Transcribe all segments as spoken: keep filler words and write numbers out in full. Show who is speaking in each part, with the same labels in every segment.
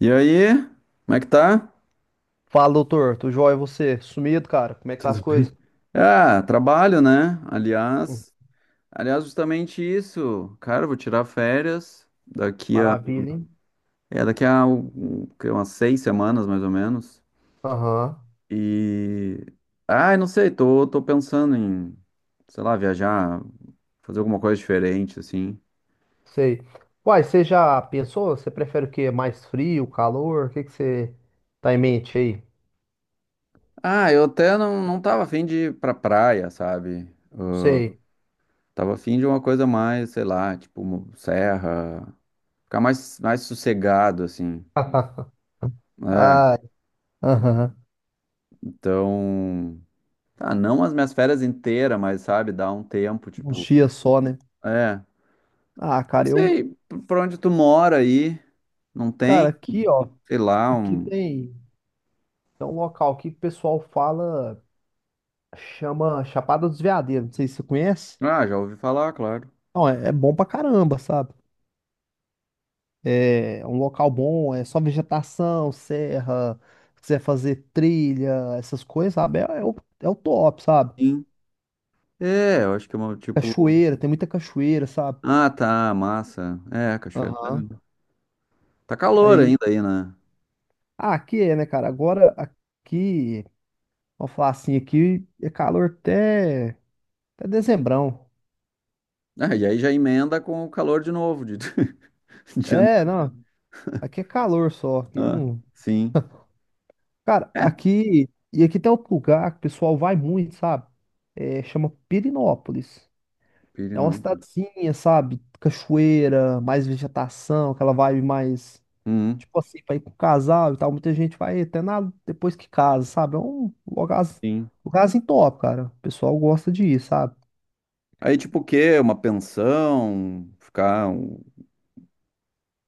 Speaker 1: E aí, como é que tá?
Speaker 2: Fala, doutor. Tudo jóia, e você? Sumido, cara? Como é que tá as
Speaker 1: Tudo bem?
Speaker 2: coisas?
Speaker 1: Ah, trabalho, né?
Speaker 2: Hum.
Speaker 1: Aliás, aliás, justamente isso. Cara, eu vou tirar férias daqui a,
Speaker 2: Maravilha, hein?
Speaker 1: é daqui a um- que, umas seis semanas, mais ou menos.
Speaker 2: Aham.
Speaker 1: E, ah, eu não sei, tô, tô pensando em, sei lá, viajar, fazer alguma coisa diferente, assim.
Speaker 2: Sei. Uai, você já pensou? Você prefere o quê? Mais frio, calor? O que que você tá em mente aí?
Speaker 1: Ah, eu até não, não tava afim de ir pra praia, sabe?
Speaker 2: Sei.
Speaker 1: Tava afim de uma coisa mais, sei lá, tipo, serra, ficar mais, mais sossegado, assim. É,
Speaker 2: Ai, aham.
Speaker 1: então. Ah, não as minhas férias inteiras, mas sabe, dá um tempo,
Speaker 2: Uns
Speaker 1: tipo.
Speaker 2: dias só, né?
Speaker 1: É.
Speaker 2: Ah,
Speaker 1: Não
Speaker 2: cara, eu...
Speaker 1: sei por por onde tu mora aí. Não
Speaker 2: Cara,
Speaker 1: tem,
Speaker 2: aqui, ó.
Speaker 1: sei lá,
Speaker 2: Aqui
Speaker 1: um.
Speaker 2: tem, tem um local aqui que o pessoal fala... Chama Chapada dos Veadeiros. Não sei se você conhece.
Speaker 1: Ah, já ouvi falar, claro.
Speaker 2: Não, é, é bom pra caramba, sabe? É um local bom, é só vegetação, serra, se quiser fazer trilha, essas coisas, sabe? É, é o, é o top, sabe?
Speaker 1: Sim. É, eu acho que é uma, tipo.
Speaker 2: Cachoeira, tem muita cachoeira, sabe?
Speaker 1: Ah, tá, massa. É, cachoeira, tá.
Speaker 2: Aham.
Speaker 1: Tá calor
Speaker 2: Aí,
Speaker 1: ainda aí, né?
Speaker 2: ah, aqui é, né, cara? Agora aqui, vamos falar assim, aqui é calor até, até dezembrão.
Speaker 1: Ah, e aí já emenda com o calor de novo, de, de
Speaker 2: É,
Speaker 1: janeiro.
Speaker 2: não, aqui é calor só, aqui
Speaker 1: Ah,
Speaker 2: não.
Speaker 1: sim.
Speaker 2: Cara,
Speaker 1: É,
Speaker 2: aqui, e aqui tem outro lugar que o pessoal vai muito, sabe? É, chama Pirinópolis. É uma
Speaker 1: Pirinópolis.
Speaker 2: cidadezinha, sabe? Cachoeira, mais vegetação, aquela vibe mais.
Speaker 1: Uhum,
Speaker 2: Tipo assim, pra ir com casal e tal. Muita gente vai até na... depois que casa, sabe? É um lugar,
Speaker 1: sim.
Speaker 2: lugarzinho top, cara. O pessoal gosta de ir, sabe?
Speaker 1: Aí, tipo, o quê? Uma pensão? Ficar, um-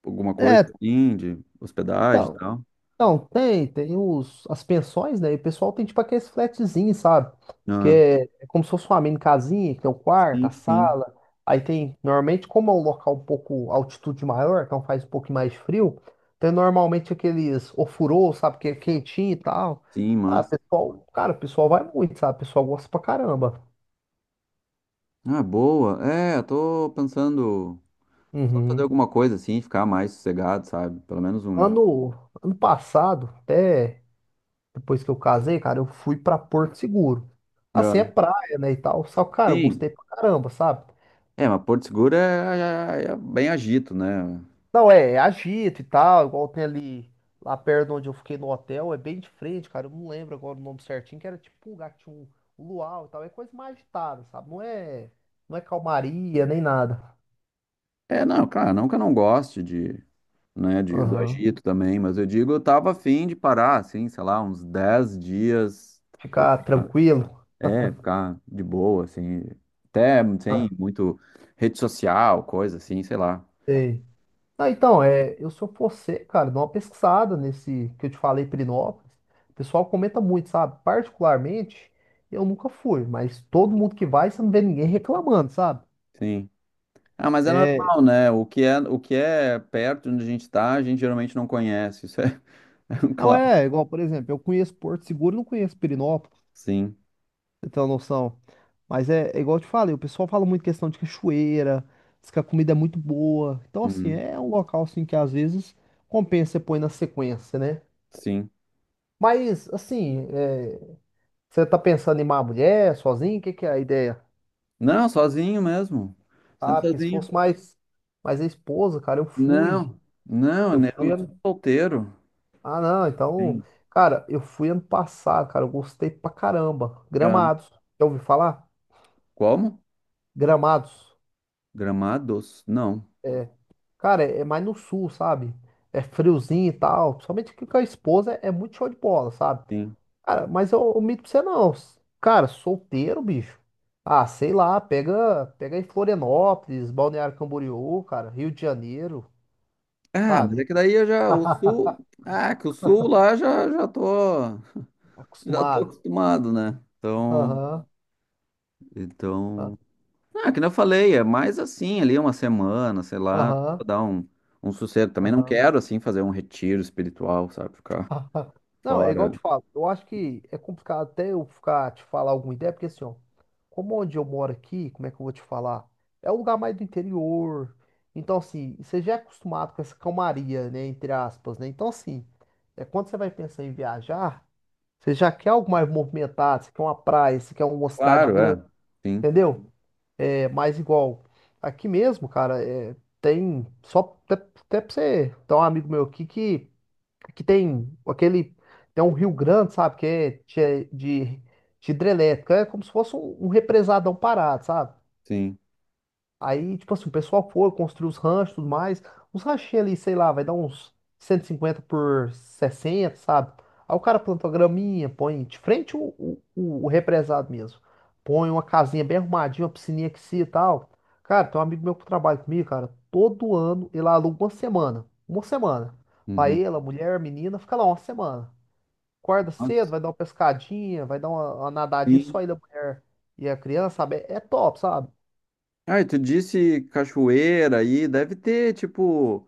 Speaker 1: alguma coisa
Speaker 2: É,
Speaker 1: assim, de hospedagem e
Speaker 2: então,
Speaker 1: tal.
Speaker 2: não, tem, tem os, as pensões, né? E o pessoal tem tipo aqueles flatzinhos, sabe? Que
Speaker 1: Ah,
Speaker 2: é, é como se fosse uma mini casinha, que tem o quarto,
Speaker 1: sim,
Speaker 2: a
Speaker 1: sim.
Speaker 2: sala. Aí tem, normalmente, como é um local um pouco altitude maior, então faz um pouquinho mais frio, tem normalmente aqueles ofurô, sabe? Que é quentinho e tal.
Speaker 1: Sim,
Speaker 2: Ah,
Speaker 1: mas.
Speaker 2: pessoal, cara, o pessoal vai muito, sabe? O pessoal gosta pra caramba.
Speaker 1: Ah, boa. É, eu tô pensando só fazer
Speaker 2: Uhum.
Speaker 1: alguma coisa assim, ficar mais sossegado, sabe? Pelo menos um.
Speaker 2: Ano, ano passado, até. Depois que eu casei, cara, eu fui pra Porto Seguro. Assim, é
Speaker 1: Ah,
Speaker 2: praia, né, e tal. Só, que, cara, eu
Speaker 1: sim.
Speaker 2: gostei pra caramba, sabe?
Speaker 1: É, mas Porto Seguro é, é- é é bem agito, né?
Speaker 2: Não, é, é agito e tal, igual tem ali, lá perto onde eu fiquei no hotel, é bem de frente, cara. Eu não lembro agora o nome certinho, que era tipo um lugar que tinha um, um luau e tal. É coisa mais agitada, sabe? Não é, não é calmaria, nem nada.
Speaker 1: É, não, claro, não que eu não goste de, né, de, do
Speaker 2: Aham.
Speaker 1: agito também, mas eu digo, eu tava afim de parar, assim, sei lá, uns dez dias. Saca?
Speaker 2: Ficar tranquilo.
Speaker 1: É, ficar de boa, assim. Até
Speaker 2: Ah,
Speaker 1: sem muito rede social, coisa assim, sei lá.
Speaker 2: sei. Não, então, é, eu se eu for você, cara, dá uma pesquisada nesse que eu te falei, Pirinópolis. O pessoal comenta muito, sabe? Particularmente, eu nunca fui, mas todo mundo que vai, você não vê ninguém reclamando, sabe?
Speaker 1: Sim. Ah, mas é
Speaker 2: É,
Speaker 1: normal, né? O que é, o que é perto de onde a gente tá, a gente geralmente não conhece. Isso é, é um
Speaker 2: não
Speaker 1: clássico.
Speaker 2: é igual, por exemplo, eu conheço Porto Seguro, não conheço Pirinópolis,
Speaker 1: Sim.
Speaker 2: pra você tem uma noção. Mas é, é igual eu te falei, o pessoal fala muito questão de cachoeira, diz que a comida é muito boa. Então, assim,
Speaker 1: Uhum.
Speaker 2: é um local assim que às vezes compensa você pôr na sequência, né?
Speaker 1: Sim.
Speaker 2: Mas, assim, é, você tá pensando em uma mulher sozinho? O que que é a ideia?
Speaker 1: Não, sozinho mesmo. Sendo
Speaker 2: Ah, porque se
Speaker 1: sozinho.
Speaker 2: fosse mais, mais a esposa, cara, eu fui.
Speaker 1: Não, não,
Speaker 2: Eu
Speaker 1: né? Eu
Speaker 2: fui
Speaker 1: não sou
Speaker 2: ano...
Speaker 1: solteiro.
Speaker 2: Ah, não, então...
Speaker 1: Sim.
Speaker 2: Cara, eu fui ano passado, cara, eu gostei pra caramba.
Speaker 1: Ah,
Speaker 2: Gramados. Já ouviu falar?
Speaker 1: como?
Speaker 2: Gramados.
Speaker 1: Gramados? Não.
Speaker 2: É. Cara, é é mais no sul, sabe? É friozinho e tal. Principalmente que com a esposa é é muito show de bola, sabe?
Speaker 1: Sim.
Speaker 2: Cara, mas eu omito pra você não. Cara, solteiro, bicho. Ah, sei lá, pega, pega em Florianópolis, Balneário Camboriú, cara, Rio de Janeiro,
Speaker 1: Ah, mas é
Speaker 2: sabe?
Speaker 1: que daí eu já, o sul, ah, que o sul lá já, já tô. Já tô
Speaker 2: Acostumado.
Speaker 1: acostumado, né? Então,
Speaker 2: Aham,
Speaker 1: então. Ah, que nem eu falei, é mais assim, ali uma semana, sei lá, pra
Speaker 2: aham,
Speaker 1: dar um, um sossego. Também não
Speaker 2: aham.
Speaker 1: quero, assim, fazer um retiro espiritual, sabe? Ficar
Speaker 2: Não, é igual eu te
Speaker 1: fora.
Speaker 2: falo. Eu acho que é complicado até eu ficar te falar alguma ideia, porque assim, ó, como onde eu moro aqui, como é que eu vou te falar? É um lugar mais do interior. Então, assim, você já é acostumado com essa calmaria, né? Entre aspas, né? Então, assim, é quando você vai pensar em viajar, você já quer algo mais movimentado, você quer uma praia, você quer uma cidade
Speaker 1: Claro,
Speaker 2: grande,
Speaker 1: é. Sim,
Speaker 2: entendeu? É mais igual. Aqui mesmo, cara, é, tem. Só até, até pra você. Tem um amigo meu aqui que que tem aquele. Tem um rio grande, sabe? Que é de, de, de hidrelétrica. É como se fosse um, um represadão parado, sabe?
Speaker 1: sim.
Speaker 2: Aí, tipo assim, o pessoal foi, construiu os ranchos e tudo mais. Os ranchinhos ali, sei lá, vai dar uns cento e cinquenta por sessenta, sabe? Aí o cara plantou a graminha, põe de frente o, o, o- o represado mesmo. Põe uma casinha bem arrumadinha, uma piscininha que se e tal. Cara, tem um amigo meu que trabalha comigo, cara. Todo ano ele aluga uma semana. Uma semana. Vai
Speaker 1: Uhum.
Speaker 2: ela, mulher, a menina, fica lá uma semana. Acorda cedo,
Speaker 1: Nossa,
Speaker 2: vai dar uma pescadinha, vai dar uma, uma nadadinha
Speaker 1: sim.
Speaker 2: só ele, a mulher e a criança, sabe? É é top, sabe?
Speaker 1: Ah, e tu disse cachoeira aí, deve ter, tipo,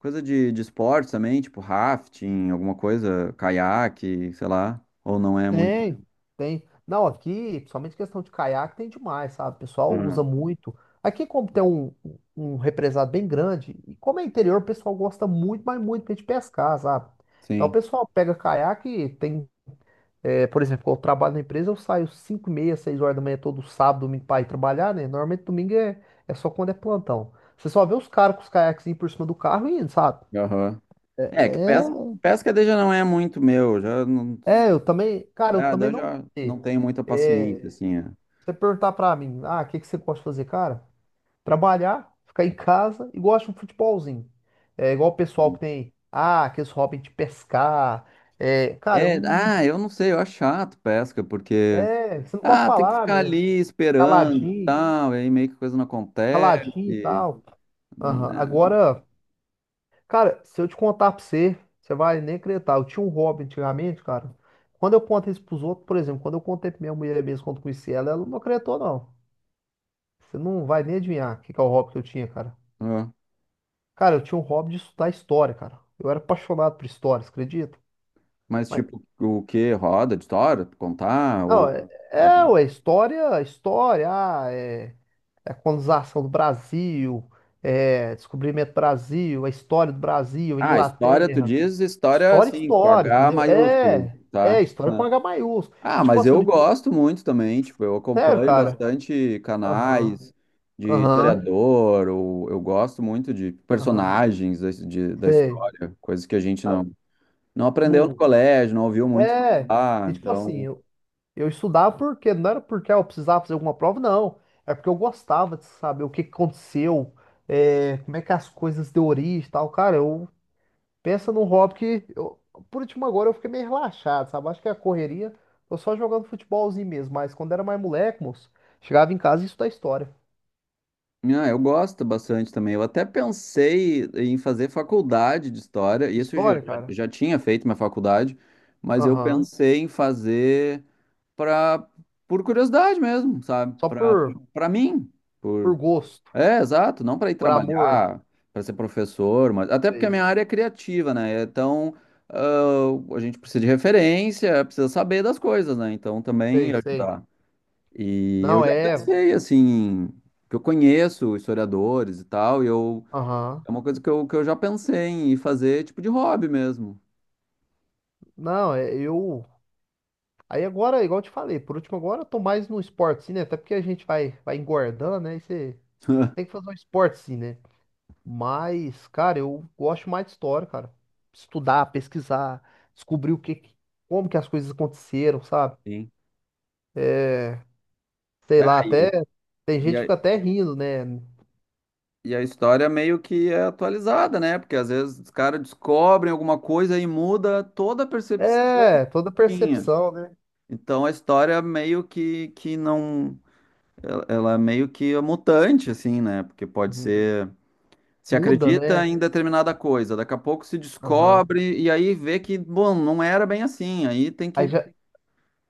Speaker 1: coisa de, de esporte também, tipo rafting, alguma coisa, caiaque, sei lá. Ou não é muito.
Speaker 2: Tem, tem. Não, aqui, principalmente questão de caiaque, tem demais, sabe? O pessoal
Speaker 1: Ah,
Speaker 2: usa
Speaker 1: não.
Speaker 2: muito. Aqui, como tem um, um represado bem grande, e como é interior, o pessoal gosta muito, mas muito mesmo de pescar, sabe? Então, o
Speaker 1: Sim.
Speaker 2: pessoal pega caiaque, tem, é, por exemplo, quando eu trabalho na empresa, eu saio cinco e meia, 6 horas da manhã, todo sábado, domingo, para ir trabalhar, né? Normalmente, domingo é, é só quando é plantão. Você só vê os caras com os caiaques por cima do carro e indo, sabe?
Speaker 1: Aham.
Speaker 2: É,
Speaker 1: É, que
Speaker 2: é,
Speaker 1: pesca, pesca daí já não é muito meu, já não,
Speaker 2: é, eu também, cara, eu
Speaker 1: ah, daí
Speaker 2: também
Speaker 1: eu
Speaker 2: não.
Speaker 1: já
Speaker 2: Sei.
Speaker 1: não tenho muita paciência, assim. É,
Speaker 2: Você perguntar pra mim, ah, o que que você gosta de fazer, cara? Trabalhar, ficar em casa e gosto de um futebolzinho. É igual o pessoal que tem, ah, aqueles hobby de pescar. É, cara,
Speaker 1: é,
Speaker 2: um,
Speaker 1: ah, eu não sei, eu acho chato pesca, porque,
Speaker 2: é, você não pode
Speaker 1: ah, tem que
Speaker 2: falar,
Speaker 1: ficar
Speaker 2: né?
Speaker 1: ali esperando e
Speaker 2: Caladinho,
Speaker 1: tal, e aí meio que coisa não acontece,
Speaker 2: caladinho e tal. Aham.
Speaker 1: né?
Speaker 2: Agora, cara, se eu te contar pra você, você vai nem acreditar. Eu tinha um hobby antigamente, cara. Quando eu conto isso pros outros, por exemplo, quando eu contei pra minha mulher mesmo, quando conheci ela, ela não acreditou, não. Você não vai nem adivinhar o que que é o hobby que eu tinha, cara.
Speaker 1: Ah,
Speaker 2: Cara, eu tinha um hobby de estudar história, cara. Eu era apaixonado por história, você acredita?
Speaker 1: mas,
Speaker 2: Mas,
Speaker 1: tipo, o que? Roda de história, tu contar,
Speaker 2: não,
Speaker 1: ou,
Speaker 2: é, é,
Speaker 1: ou...
Speaker 2: ué, história, história, ah, é, é a colonização do Brasil, é descobrimento do Brasil, a história do Brasil,
Speaker 1: Ah, história, tu
Speaker 2: Inglaterra.
Speaker 1: diz história,
Speaker 2: História,
Speaker 1: assim, com
Speaker 2: história,
Speaker 1: H
Speaker 2: entendeu?
Speaker 1: maiúsculo,
Speaker 2: É,
Speaker 1: tá?
Speaker 2: é, história com H maiúsculo.
Speaker 1: Ah,
Speaker 2: E tipo
Speaker 1: mas
Speaker 2: assim,
Speaker 1: eu
Speaker 2: no
Speaker 1: gosto muito também, tipo, eu
Speaker 2: sério,
Speaker 1: acompanho
Speaker 2: cara.
Speaker 1: bastante
Speaker 2: Aham,
Speaker 1: canais de
Speaker 2: aham,
Speaker 1: historiador, ou eu gosto muito de
Speaker 2: aham,
Speaker 1: personagens da, de- da
Speaker 2: sei.
Speaker 1: história, coisas que a gente
Speaker 2: Ah,
Speaker 1: não, não aprendeu no
Speaker 2: não,
Speaker 1: colégio, não ouviu muito
Speaker 2: é,
Speaker 1: falar,
Speaker 2: e tipo assim,
Speaker 1: então...
Speaker 2: eu estudava porque não era porque ah, eu precisava fazer alguma prova, não. É porque eu gostava de saber o que que aconteceu, é, como é que as coisas deu origem e tal. Cara, eu penso num hobby que, eu- por último, agora eu fiquei meio relaxado, sabe? Acho que é a correria, tô só jogando futebolzinho mesmo. Mas quando era mais moleque, moço, chegava em casa e estudava história.
Speaker 1: Ah, eu gosto bastante também. Eu até pensei em fazer faculdade de história, isso eu já,
Speaker 2: História, cara?
Speaker 1: já tinha feito minha faculdade, mas eu
Speaker 2: Aham.
Speaker 1: pensei em fazer para por curiosidade mesmo, sabe?
Speaker 2: Só
Speaker 1: Para
Speaker 2: por,
Speaker 1: para mim.
Speaker 2: por
Speaker 1: Por,
Speaker 2: gosto,
Speaker 1: é, exato, não para ir
Speaker 2: por amor.
Speaker 1: trabalhar, para ser professor, mas até porque a
Speaker 2: Sei,
Speaker 1: minha área é criativa, né? Então, ah, a gente precisa de referência, precisa saber das coisas, né? Então, também
Speaker 2: sei, sei.
Speaker 1: ajudar. E eu
Speaker 2: Não,
Speaker 1: já
Speaker 2: é.
Speaker 1: pensei, assim, que eu conheço historiadores e tal, e eu
Speaker 2: Aham.
Speaker 1: é uma coisa que eu, que eu já pensei em fazer, tipo de hobby mesmo.
Speaker 2: Não, é, eu. Aí agora, igual eu te falei, por último agora eu tô mais no esporte sim, né? Até porque a gente vai, vai engordando, né? E você tem que fazer um esporte sim, né? Mas, cara, eu gosto mais de história, cara. Estudar, pesquisar, descobrir o que, que- como que as coisas aconteceram, sabe?
Speaker 1: Sim.
Speaker 2: É, sei
Speaker 1: É,
Speaker 2: lá, até
Speaker 1: e,
Speaker 2: tem gente
Speaker 1: e
Speaker 2: que
Speaker 1: a,
Speaker 2: fica até rindo, né?
Speaker 1: e a história meio que é atualizada, né? Porque às vezes os caras descobrem alguma coisa e muda toda a percepção
Speaker 2: É,
Speaker 1: que
Speaker 2: toda
Speaker 1: tinha.
Speaker 2: percepção, né?
Speaker 1: Então a história é meio que, que não. Ela ela é meio que é mutante, assim, né? Porque pode
Speaker 2: Uhum.
Speaker 1: ser. Se
Speaker 2: Muda,
Speaker 1: acredita
Speaker 2: né?
Speaker 1: em determinada coisa, daqui a pouco se
Speaker 2: Aham.
Speaker 1: descobre e aí vê que, bom, não era bem assim. Aí tem
Speaker 2: Aí
Speaker 1: que,
Speaker 2: já,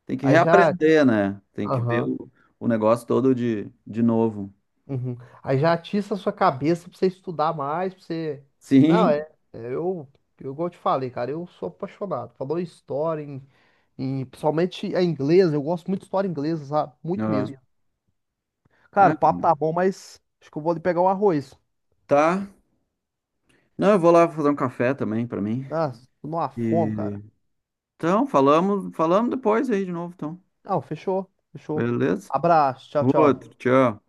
Speaker 1: tem que
Speaker 2: aí já,
Speaker 1: reaprender, né? Tem que ver
Speaker 2: Aham.
Speaker 1: o, o negócio todo de, de novo.
Speaker 2: Uhum. Aí já atiça a sua cabeça pra você estudar mais, pra você. Não, é.
Speaker 1: Sim.
Speaker 2: é, Eu, eu, igual eu te falei, cara, eu sou apaixonado. Falou em história, em, em- principalmente a inglesa, eu gosto muito de história inglesa, sabe? Muito
Speaker 1: Aham.
Speaker 2: mesmo. Cara, o
Speaker 1: É,
Speaker 2: papo tá bom, mas acho que eu vou ali pegar um arroz.
Speaker 1: tá. Não, eu vou lá fazer um café também pra mim.
Speaker 2: Ah, tô numa fome, cara.
Speaker 1: E, então, falamos, falamos depois aí de novo, então.
Speaker 2: Não, fechou, fechou.
Speaker 1: Beleza?
Speaker 2: Abraço, tchau, tchau.
Speaker 1: Outro, tchau.